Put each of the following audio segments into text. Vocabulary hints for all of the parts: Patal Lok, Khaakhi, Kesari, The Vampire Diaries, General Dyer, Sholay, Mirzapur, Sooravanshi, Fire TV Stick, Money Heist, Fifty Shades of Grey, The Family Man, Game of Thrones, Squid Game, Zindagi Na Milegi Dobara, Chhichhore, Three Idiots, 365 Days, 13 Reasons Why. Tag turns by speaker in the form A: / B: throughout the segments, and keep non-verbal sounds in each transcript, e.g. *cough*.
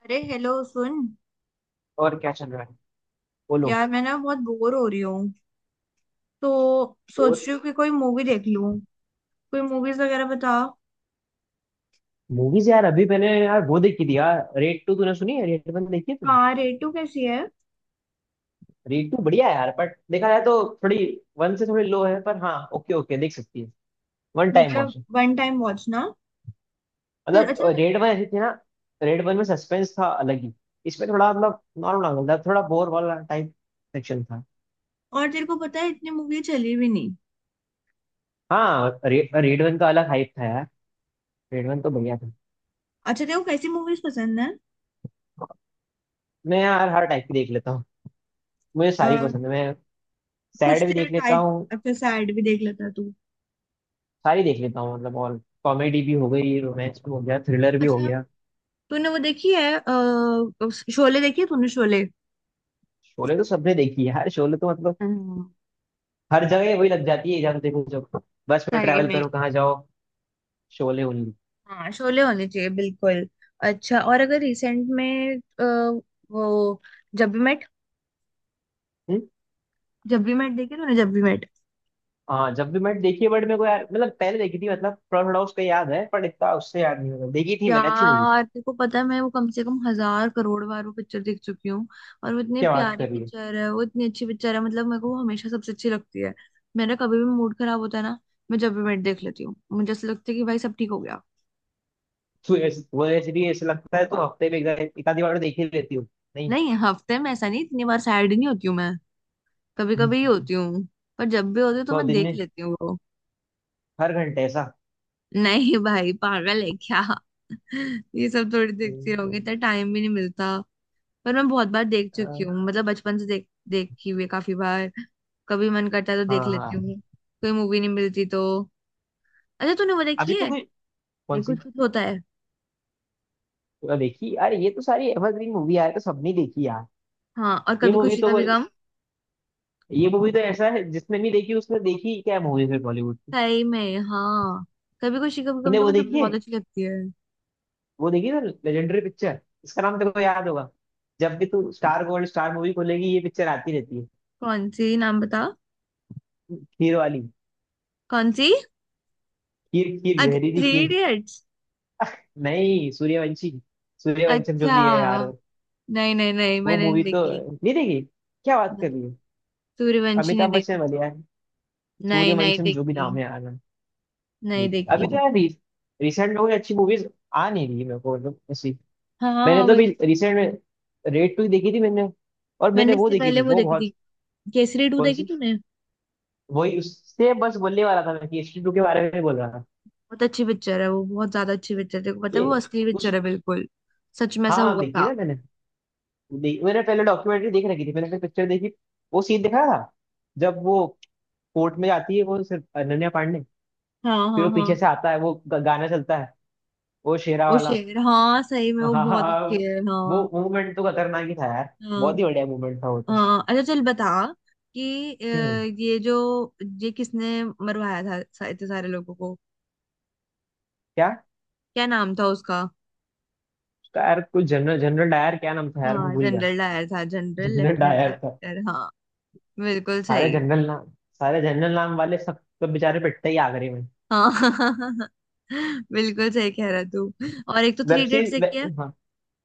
A: अरे हेलो सुन।
B: और क्या चल रहा है, बोलो।
A: यार मैं ना बहुत बोर हो रही हूँ। तो सोच
B: और
A: रही हूँ कि कोई मूवी देख लूँ। कोई मूवीज वगैरह बता।
B: मूवीज यार, अभी मैंने यार वो देखी थी यार, रेड टू तूने सुनी है? रेड वन देखी है तूने?
A: हाँ, रेटू कैसी है?
B: रेड टू बढ़िया है यार, बट देखा जाए तो थोड़ी, वन से थोड़ी लो है। पर हाँ, ओके ओके, देख सकती है। वन टाइम
A: मतलब
B: वॉच है।
A: वन टाइम वॉच ना। तो
B: मतलब
A: अच्छा।
B: रेड वन ऐसी थी ना, रेड वन में सस्पेंस था अलग ही। इसमें थोड़ा मतलब नॉर्मल नॉर्मल था, थोड़ा बोर वाला टाइप सेक्शन था।
A: और तेरे को पता है, इतनी मूवी चली भी नहीं।
B: हाँ रे, रेड वन का अलग हाइप था यार। रेड वन तो बढ़िया था।
A: अच्छा, तेरे को कैसी मूवीज पसंद है?
B: मैं यार हर टाइप की देख लेता हूँ, मुझे सारी
A: अ,
B: पसंद है। मैं
A: कुछ
B: सैड भी
A: तेरा
B: देख लेता
A: टाइप।
B: हूँ,
A: अच्छा, सैड भी देख लेता है तू?
B: सारी देख लेता हूँ मतलब। और कॉमेडी भी हो गई, रोमांस भी हो गया, थ्रिलर भी हो
A: अच्छा,
B: गया।
A: तूने वो देखी है शोले? देखी है तूने शोले?
B: शोले तो सबने देखी है यार, शोले तो मतलब
A: हम्म।
B: हर जगह वही लग जाती है। जहाँ देखो, जब बस में
A: सही
B: ट्रैवल
A: में,
B: करो, कहाँ जाओ, शोले ओनली।
A: हाँ, शोले होने चाहिए बिल्कुल। अच्छा, और अगर रिसेंट में वो जब भी मैट
B: हम्म।
A: जब भी मैट देखी तूने, जब भी मैट?
B: हाँ, जब भी मैंने देखी है, बट मेरे को यार मतलब पहले देखी थी, मतलब थोड़ा थोड़ा उसका याद है, पर इतना उससे याद नहीं होगा। देखी थी मैंने, अच्छी मूवी थी।
A: यार तेरे को पता है, मैं वो कम से कम हजार करोड़ बार वो पिक्चर देख चुकी हूँ। और वो इतनी
B: क्या बात
A: प्यारी
B: कर रही है।
A: पिक्चर है, वो इतनी अच्छी पिक्चर है, मतलब मेरे को वो हमेशा सबसे अच्छी लगती है। मेरा कभी भी मूड खराब होता है ना, मैं जब भी मैट देख लेती हूँ, मुझे ऐसा लगता है कि भाई सब ठीक हो गया।
B: वो ऐसे भी ऐसे लगता है तो हफ्ते में एक आधी बार तो देख ही लेती हो? नहीं,
A: नहीं, हफ्ते में ऐसा नहीं, इतनी बार सैड नहीं होती हूँ मैं। कभी कभी ही होती हूँ। पर जब भी होती हूँ तो
B: तो
A: मैं
B: दिन
A: देख
B: में
A: लेती हूँ वो।
B: हर घंटे ऐसा?
A: नहीं भाई, पागल है क्या? *laughs* ये सब थोड़ी
B: हम्म,
A: देखती रहोगे,
B: हम्म।
A: इतना टाइम भी नहीं मिलता। पर मैं बहुत बार देख चुकी
B: हाँ,
A: हूँ, मतलब बचपन से देखी हुई है काफी बार। कभी मन करता है तो देख
B: हाँ।
A: लेती हूँ। कोई मूवी नहीं मिलती तो अच्छा, तूने वो
B: अभी
A: देखी
B: तो
A: है,
B: कोई
A: ये
B: कौन सी?
A: कुछ कुछ होता है?
B: तो देखी, अरे ये तो सारी एवरग्रीन मूवी है, तो सबने देखी यार।
A: हाँ, और
B: ये
A: कभी
B: मूवी
A: खुशी
B: तो
A: कभी
B: कोई-
A: गम।
B: ये मूवी तो ऐसा है जिसने नहीं देखी उसने देखी क्या मूवी फिर बॉलीवुड की।
A: सही में, हाँ। कभी खुशी कभी गम
B: तूने
A: तो
B: वो
A: मुझे
B: देखी है,
A: बहुत अच्छी लगती है।
B: वो देखी ना, लेजेंडरी पिक्चर। इसका नाम तेरे को याद होगा। जब भी तू स्टार गोल्ड स्टार मूवी खोलेगी, ये पिक्चर आती रहती है।
A: कौन सी, नाम बता।
B: खीर वाली।
A: कौन सी?
B: खीर खीर
A: अच्छा,
B: जहरीली
A: थ्री
B: खीर।
A: इडियट्स?
B: नहीं, सूर्यवंशी, सूर्यवंशम जो
A: अच्छा।
B: भी है यार वो।
A: नहीं नहीं नहीं,
B: वो
A: मैंने नहीं
B: मूवी तो
A: देखी।
B: नहीं देखी? क्या बात कर
A: नहीं,
B: रही है।
A: सूर्यवंशी ने
B: अमिताभ
A: देखी।
B: बच्चन वाली यार,
A: नहीं, नहीं
B: सूर्यवंशम जो भी
A: देखी।
B: नाम है यार।
A: नहीं
B: अभी
A: देखी।
B: तो यार रिसेंट में कोई अच्छी मूवीज आ नहीं रही है मेरे को, मतलब ऐसी।
A: हाँ,
B: मैंने तो अभी
A: वही।
B: रिसेंट में रेड टू देखी थी मैंने। और मैंने
A: मैंने
B: वो
A: इससे
B: देखी
A: पहले
B: थी,
A: वो
B: वो
A: देखी थी।
B: बहुत।
A: केसरी टू
B: कौन
A: देखी
B: सी?
A: तूने?
B: वही, उससे बस बोलने वाला था मैं कि एच टू के बारे में बोल रहा था।
A: बहुत अच्छी पिक्चर है वो, बहुत ज्यादा अच्छी पिक्चर है। देखो, पता
B: कि
A: है, वो असली
B: उस,
A: पिक्चर है बिल्कुल। सच में ऐसा
B: हाँ
A: हुआ
B: देखी
A: था।
B: ना मैंने। देख, मैंने पहले डॉक्यूमेंट्री देख रखी थी, मैंने फिर पिक्चर देखी। वो सीन दिखा था जब वो कोर्ट में जाती है, वो सिर्फ अनन्या पांडे।
A: हाँ
B: फिर
A: हाँ
B: वो पीछे
A: हाँ।
B: से आता है, वो गाना चलता है, वो शेरा
A: वो
B: वाला।
A: शेर, हाँ, सही
B: *laughs*
A: में
B: हाँ
A: वो
B: हाँ
A: बहुत
B: हाँ,
A: अच्छी है। हाँ
B: वो मूवमेंट तो खतरनाक ही था यार,
A: हाँ
B: बहुत ही बढ़िया मूवमेंट था वो तो।
A: हाँ। अच्छा चल बता कि
B: हम्म।
A: ये जो ये किसने मरवाया था, इतने सारे लोगों को?
B: क्या?
A: क्या नाम था उसका?
B: उसका यार कोई जनरल, जनरल डायर, क्या नाम था यार, मैं
A: हाँ,
B: भूल गया।
A: जनरल डायर था, जनरल
B: जनरल
A: लेफ्टिनेंट
B: डायर था।
A: डायर, हाँ। बिल्कुल
B: सारे
A: सही।
B: जनरल नाम, सारे जनरल नाम वाले सब सब बेचारे पिटते ही आखिरी में।
A: हाँ *laughs* बिल्कुल सही कह रहा तू। और एक तो थ्री
B: वेब
A: इडियट्स
B: सीरीज वे,
A: देखी है।
B: हाँ,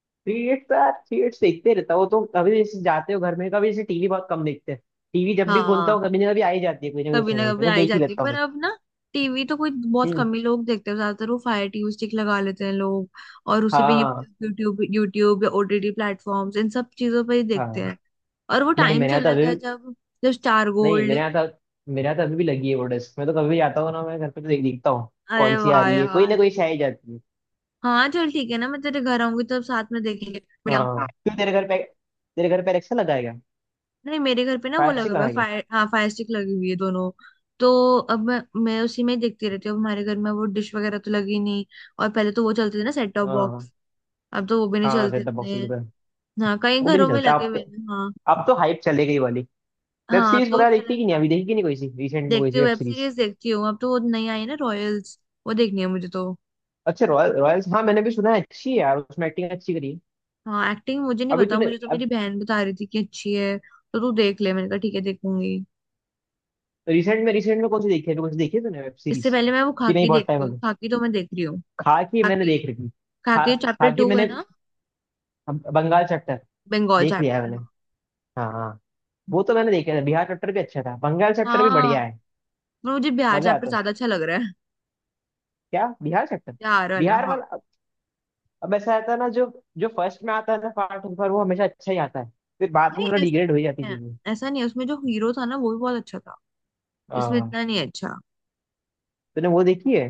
B: थ्री इडियट्स तो यार, थ्री इडियट्स देखते रहता हूँ। वो तो कभी जैसे जाते हो घर में, कभी जैसे टीवी बहुत कम देखते हैं। टीवी जब भी खोलता
A: हाँ,
B: हूँ, कभी ना कभी आ ही जाती है, कोई ना कोई
A: कभी ना
B: चैनल पे
A: कभी
B: तो
A: आ ही
B: देख ही
A: जाती है,
B: लेता हूँ
A: पर
B: मैं।
A: अब ना टीवी तो कोई बहुत
B: हम्म।
A: कम ही लोग देखते हैं, ज्यादातर वो फायर टीवी स्टिक लगा लेते हैं लोग। और उसी पे
B: हाँ,
A: यूट्यूब यूट्यूब या ओटीटी प्लेटफॉर्म्स, इन सब चीजों पे ही देखते
B: हाँ।
A: हैं। और वो
B: नहीं
A: टाइम
B: मेरे यहाँ तो
A: चला
B: अभी,
A: गया जब, जब स्टार
B: नहीं मेरे
A: गोल्ड।
B: यहाँ तो, मेरे यहाँ तो अभी भी लगी है वो डिस्क। मैं तो कभी भी जाता हूँ ना मैं घर पे, तो देखता हूँ।
A: अरे
B: कौन सी आ
A: वाह
B: रही है, कोई ना
A: यार।
B: कोई शायद जाती है।
A: हाँ चल ठीक है ना, मैं तेरे घर आऊंगी तब साथ में देखेंगे, बढ़िया।
B: हाँ क्यों, तेरे घर पे, तेरे घर पे एलेक्सा लगा है क्या?
A: नहीं, मेरे घर पे ना वो
B: फायर
A: लगा
B: स्टिक
A: हुआ
B: लगा
A: है
B: है क्या?
A: फायर, हाँ फायर स्टिक लगी हुई है दोनों। तो अब मैं उसी में ही देखती रहती हूँ। अब हमारे घर में वो डिश वगैरह तो लगी नहीं, और पहले तो वो चलते थे ना, सेट टॉप
B: हाँ।
A: बॉक्स। अब तो वो भी नहीं
B: हाँ,
A: चलते
B: सेट टॉप बॉक्स
A: इतने।
B: पे।
A: हाँ, कई
B: वो भी नहीं
A: घरों में
B: चलता
A: लगे
B: अब
A: हुए
B: तो।
A: हैं, हाँ।
B: अब तो हाइप चले गई वाली। वेब
A: हाँ, अब
B: सीरीज
A: तो
B: वगैरह देखती
A: चला
B: है कि नहीं?
A: गया।
B: अभी देखी कि नहीं कोई सी रिसेंट में, कोई
A: देखती
B: सी
A: हूँ,
B: वेब
A: वेब
B: सीरीज?
A: सीरीज देखती हूँ। अब तो वो नई आई है ना, रॉयल्स। वो देखनी है मुझे तो।
B: अच्छा, रॉयल, रॉयल्स, हाँ मैंने भी सुना है अच्छी है यार, उसमें एक्टिंग अच्छी करी है।
A: हाँ, एक्टिंग मुझे नहीं
B: अभी
A: पता,
B: तूने,
A: मुझे तो मेरी
B: अब
A: बहन बता रही थी कि अच्छी है, तो तू देख ले, मैंने कहा ठीक है देखूंगी।
B: रिसेंट में, रिसेंट में कौन सी देखी है अभी, कौन सी देखी है तूने वेब
A: इससे
B: सीरीज?
A: पहले मैं वो
B: कि नहीं,
A: खाकी
B: बहुत
A: देख
B: टाइम
A: रही
B: हो
A: हूँ,
B: गया?
A: खाकी तो मैं देख रही हूँ।
B: खाकी मैंने
A: खाकी।
B: देख रखी। खा
A: खाकी चैप्टर
B: खाकी
A: टू है
B: मैंने
A: ना,
B: बंगाल चैप्टर
A: बंगाल
B: देख लिया है मैंने।
A: चैप्टर।
B: हाँ हाँ। वो तो मैंने देखा था, बिहार चैप्टर भी अच्छा था, बंगाल चैप्टर
A: हाँ
B: भी
A: हाँ।
B: बढ़िया है।
A: पर मुझे बिहार
B: मजा
A: चैप्टर
B: आता है।
A: ज्यादा अच्छा लग रहा है।
B: क्या, बिहार कैप्टन?
A: बिहार वाला,
B: बिहार
A: हाँ।
B: वाला अब ऐसा आता है ना, जो जो फर्स्ट में आता है ना पार्ट, पर वो हमेशा अच्छा ही आता है। फिर बाद में
A: नहीं
B: थोड़ा
A: ऐसा
B: डिग्रेड हो ही जाती है
A: नहीं है।
B: चीजें।
A: ऐसा नहीं है, उसमें जो हीरो था ना वो भी बहुत अच्छा था। इसमें
B: हाँ।
A: इतना नहीं अच्छा।
B: तूने वो देखी है,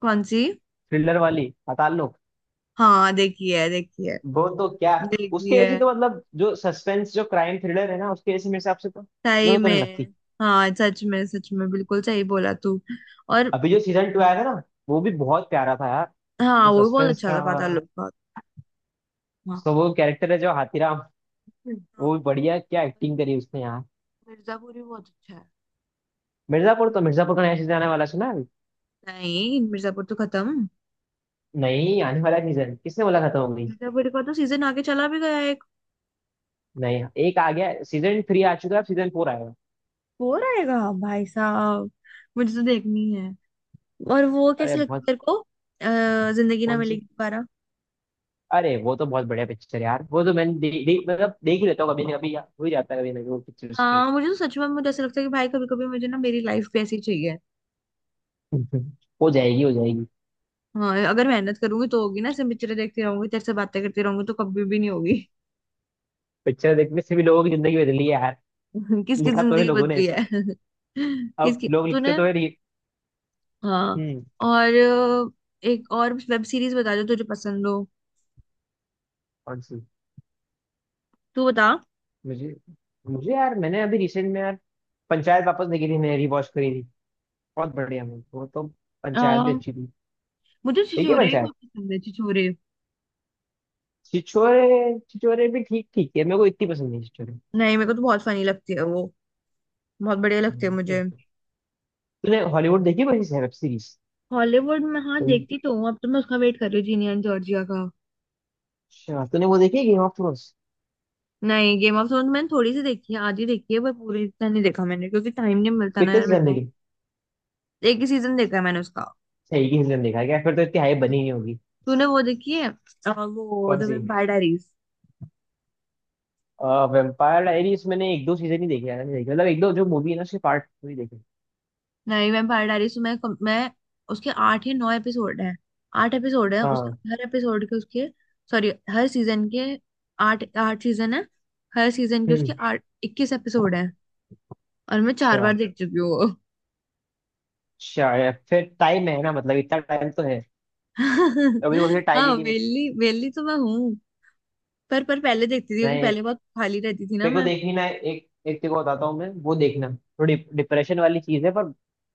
A: कौन सी?
B: थ्रिलर वाली, अतालोक?
A: हाँ, देखी है देखी है।
B: वो तो क्या,
A: देखी
B: उसके ऐसी
A: है।
B: तो मतलब जो सस्पेंस जो क्राइम थ्रिलर है ना, उसके ऐसी मेरे हिसाब से तो,
A: सही
B: मेरे को तो नहीं लगती।
A: में, हाँ, सच में बिल्कुल सही बोला तू। और
B: अभी जो सीजन टू आया था ना, वो भी बहुत प्यारा था यार।
A: हाँ,
B: जो
A: वो भी बहुत
B: सस्पेंस
A: अच्छा
B: था,
A: था पाताल लोक का। हाँ
B: उसका वो कैरेक्टर है जो हाथीराम,
A: हाँ,
B: वो भी बढ़िया, क्या एक्टिंग करी उसने यार।
A: पर मिर्जापुर भी बहुत अच्छा है।
B: मिर्जापुर तो, मिर्जापुर का नया सीजन आने वाला है, सुना है अभी?
A: नहीं, मिर्जापुर तो खत्म।
B: नहीं आने वाला सीजन, किसने बोला खत्म हो गई?
A: मिर्जापुर का तो सीजन आगे चला भी गया है।
B: नहीं एक आ गया, सीजन थ्री आ चुका है, अब सीजन फोर आएगा।
A: वो रहेगा भाई साहब। मुझे तो देखनी है। और वो
B: अरे
A: कैसी लगती है
B: बहुत।
A: तेरे को, जिंदगी ना
B: कौन सी?
A: मिलेगी दोबारा?
B: अरे वो तो बहुत बढ़िया पिक्चर है यार, वो तो मैंने दे, दे, मतलब देख ही लेता हूँ कभी ना कभी यार, हो ही जाता है कभी ना कभी वो पिक्चर्स तो।
A: हाँ मुझे तो सच में, मुझे ऐसा लगता है कि भाई कभी कभी मुझे ना, मेरी लाइफ भी ऐसी चाहिए।
B: *laughs* हो जाएगी, हो जाएगी।
A: हाँ, अगर मेहनत करूंगी तो होगी ना, ऐसे पिक्चरें देखती रहूंगी, तेरे से बातें करती रहूंगी तो कभी भी नहीं होगी।
B: पिक्चर देखने से भी लोगों की जिंदगी बदली है यार।
A: *laughs* किसकी
B: लिखा तो है
A: जिंदगी
B: लोगों ने
A: बदली
B: ऐसा।
A: है? *laughs*
B: अब
A: किसकी
B: लोग लिखते
A: तूने?
B: तो है री-
A: हाँ।
B: हम्म।
A: और एक और वेब सीरीज बता जो तुझे पसंद हो।
B: कौन सी?
A: तू बता।
B: मुझे, मुझे यार मैंने अभी रिसेंट में यार पंचायत वापस देखी थी मैंने, रिवॉच करी थी। बहुत बढ़िया मूवी वो तो,
A: अ,
B: पंचायत भी अच्छी थी।
A: मुझे
B: देखिए
A: छिछोरे भी
B: पंचायत।
A: बहुत पसंद है, छिछोरे।
B: छिछोरे, छिछोरे भी ठीक ठीक है, मेरे को इतनी पसंद नहीं छिछोरे।
A: नहीं, मेरे को तो बहुत फनी लगती है वो। बहुत बढ़िया लगते हैं
B: हम्म।
A: मुझे।
B: एक। तूने हॉलीवुड देखी कोई वेब सीरीज?
A: हॉलीवुड में, हाँ,
B: कोई
A: देखती तो हूँ। अब तो मैं उसका वेट कर रही हूँ, जीनिया एंड जॉर्जिया का।
B: अच्छा, तूने वो देखी, गेम ऑफ थ्रोन्स?
A: नहीं, गेम ऑफ थ्रोन्स मैंने थोड़ी सी देखी है, आधी देखी है, पर पूरी इतना नहीं देखा मैंने क्योंकि टाइम नहीं मिलता ना
B: कितने
A: यार मेरे
B: सीजन
A: को।
B: देखे?
A: एक ही सीजन देखा है मैंने उसका।
B: अच्छा, एक ही सीजन देखा है क्या, फिर तो इतनी हाइप बनी नहीं होगी।
A: तूने वो देखी है, वो द
B: कौन सी?
A: Vampire Diaries?
B: वेम्पायर डायरीज मैंने एक दो सीजन ही देखे यार, मैंने देखे मतलब एक दो जो मूवी है ना उसके पार्ट ही देखे।
A: नहीं, वेम्पायर डायरीज तो मैं मैं उसके 8 या 9 एपिसोड है। 8 एपिसोड है उस।
B: हाँ।
A: हर एपिसोड के उसके, सॉरी, हर सीजन के। आठ आठ सीजन है। हर सीजन के उसके
B: हम्म।
A: आठ, इक्कीस एपिसोड है। और मैं 4 बार
B: अच्छा,
A: देख चुकी हूँ।
B: अच्छा यार, फिर टाइम है ना, मतलब इतना टाइम तो है। अभी तो
A: *laughs*
B: टाइम
A: हाँ,
B: ही नहीं बचा।
A: वेली वेली तो मैं हूँ। पर पहले देखती थी क्योंकि
B: मैं,
A: पहले बहुत खाली रहती थी ना
B: देखो,
A: मैं।
B: देखी ना, एक एक तेको बताता हूँ मैं, वो देखना। थोड़ी डिप्रेशन वाली चीज है, पर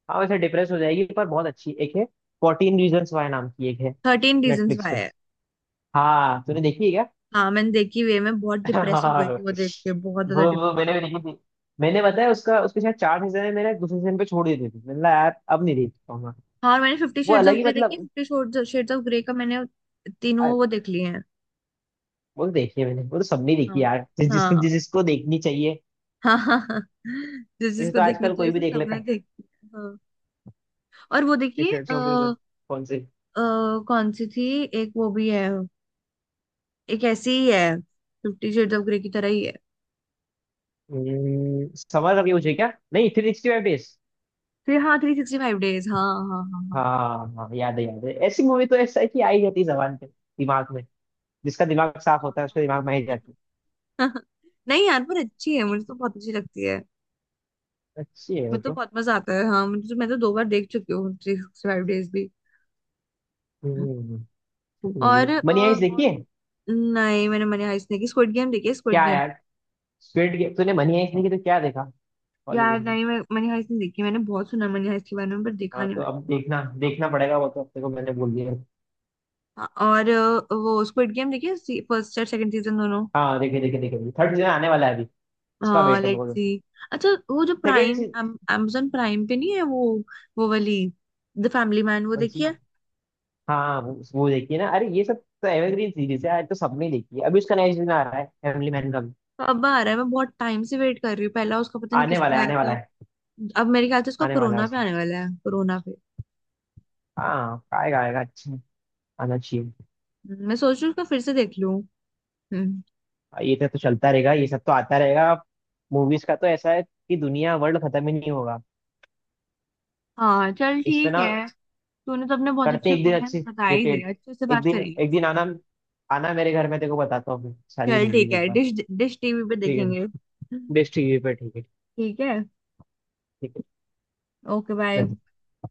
B: हाँ वैसे डिप्रेस हो जाएगी, पर बहुत अच्छी एक है। फोर्टीन रीजन्स वाई नाम की एक है,
A: थर्टीन रीजंस
B: नेटफ्लिक्स
A: वाई
B: पे।
A: है।
B: हाँ, तूने देखी है क्या?
A: हाँ मैंने देखी वे, मैं बहुत
B: *laughs*
A: डिप्रेस हो
B: हाँ,
A: गई थी वो देख के, बहुत ज्यादा
B: वो
A: डिप्रेस।
B: मैंने भी देखी थी। मैंने बताया उसका, उसके शायद चार सीजन है, मैंने दूसरे सीजन पे छोड़ दिए थे, मैंने कहा यार अब नहीं देख पाऊंगा।
A: हाँ, और मैंने फिफ्टी
B: वो
A: शेड्स
B: अलग
A: ऑफ
B: ही
A: ग्रे देखी,
B: मतलब।
A: फिफ्टी शेड्स ऑफ ग्रे का मैंने तीनों
B: आ,
A: वो देख लिए हैं।
B: वो तो देखी है मैंने, वो तो सबने देखी
A: हाँ
B: यार, जिस जिस
A: हाँ।
B: जिसको देखनी चाहिए।
A: *laughs* हाँ हाँ हाँ। जिस
B: वैसे
A: जिसको
B: तो
A: देखनी
B: आजकल
A: चाहिए
B: कोई भी
A: उसे
B: देख लेता
A: सबने
B: है,
A: देख लिया, हाँ। और वो
B: टी
A: देखिए
B: शर्ट्स वगैरह। कौन से?
A: कौन सी थी? एक वो भी है, एक ऐसी ही है, फिफ्टी शेड्स ऑफ ग्रे की तरह ही है।
B: समर करके मुझे क्या, नहीं, थ्री सिक्सटी फाइव डेज।
A: फिर हाँ, थ्री सिक्सटी फाइव डेज। हाँ हाँ हाँ हाँ
B: हाँ हाँ, याद है, याद है, ऐसी मूवी तो ऐसा है कि आ ही जाती है जबान पे, दिमाग में। जिसका दिमाग साफ
A: हाँ।
B: होता है उसके दिमाग में आ ही
A: हाँ,
B: जाती।
A: हाँ। हाँ। नहीं यार, पर अच्छी है, मुझे तो बहुत अच्छी लगती है।
B: है अच्छी है वो
A: मुझे तो
B: तो।
A: बहुत मजा आता है, हाँ, मुझे तो मैं तो 2 बार देख चुकी हूँ थ्री सिक्सटी फाइव डेज भी।
B: हम्म।
A: और, अ,
B: मनी हाइस्ट देखी
A: और
B: है?
A: नहीं, मैंने मनी हाइस्ट नहीं देखी, स्क्विड गेम देखी है स्क्विड
B: क्या
A: गेम।
B: यार, स्क्विड गेम, तूने मनी हाइस्ट देखी तो क्या देखा
A: यार
B: हॉलीवुड में।
A: नहीं, मैं मनी हाइस्ट नहीं देखी, मैंने बहुत सुना मनी हाइस्ट के बारे में पर देखा
B: हाँ,
A: नहीं
B: तो
A: मैंने।
B: अब देखना, देखना पड़ेगा वो तो, अपने को मैंने बोल दिया।
A: हाँ, और वो स्क्विड गेम देखी है, फर्स्ट और सेकंड सीजन दोनों।
B: हाँ देखे देखे देखे, थर्ड सीजन आने वाला है अभी, उसका
A: हाँ,
B: वेट है
A: लेट्स
B: मेरे को।
A: सी। अच्छा, वो जो
B: second
A: prime,
B: season.
A: amazon prime पे नहीं है वो वाली, द फैमिली मैन, वो
B: कौन
A: देखी
B: सी?
A: है?
B: हाँ वो देखिए ना, अरे ये सब तो एवरग्रीन सीरीज है, आज तो सबने देखी है। अभी उसका नया सीजन आ रहा है, फैमिली मैन का भी।
A: अब आ रहा है, मैं बहुत टाइम से वेट कर रही हूँ, पहला उसका पता नहीं
B: आने
A: किस
B: वाला
A: पे
B: है,
A: आया
B: आने वाला
A: था।
B: है,
A: अब मेरे ख्याल से उसका
B: आने वाला है
A: कोरोना पे
B: उसका।
A: आने वाला है, कोरोना पे।
B: हाँ आएगा, आएगा अच्छा, आना चाहिए।
A: मैं सोच रही हूँ उसका फिर से देख लूँ। हम्म।
B: और तो चलता रहेगा, ये सब तो आता रहेगा। मूवीज का तो ऐसा है कि दुनिया वर्ल्ड खत्म ही नहीं होगा
A: हाँ चल
B: इस पे
A: ठीक
B: ना।
A: है। तूने तो अपने बहुत
B: करते
A: अच्छे
B: एक दिन
A: ओपिनियन
B: अच्छी
A: बता ही दे,
B: डिटेल,
A: अच्छे से
B: एक
A: बात
B: दिन,
A: करेंगे
B: एक
A: किसी
B: दिन
A: दिन।
B: आना, आना मेरे घर में, तेरे को बताता हूँ मैं सारी
A: चल
B: मूवीज
A: ठीक
B: एक
A: है,
B: बार।
A: डिश, डिश टीवी पे
B: ठीक है ना?
A: देखेंगे।
B: बेस्ट टीवी पे, ठीक है।
A: ठीक है।
B: ठीक
A: ओके बाय।
B: है।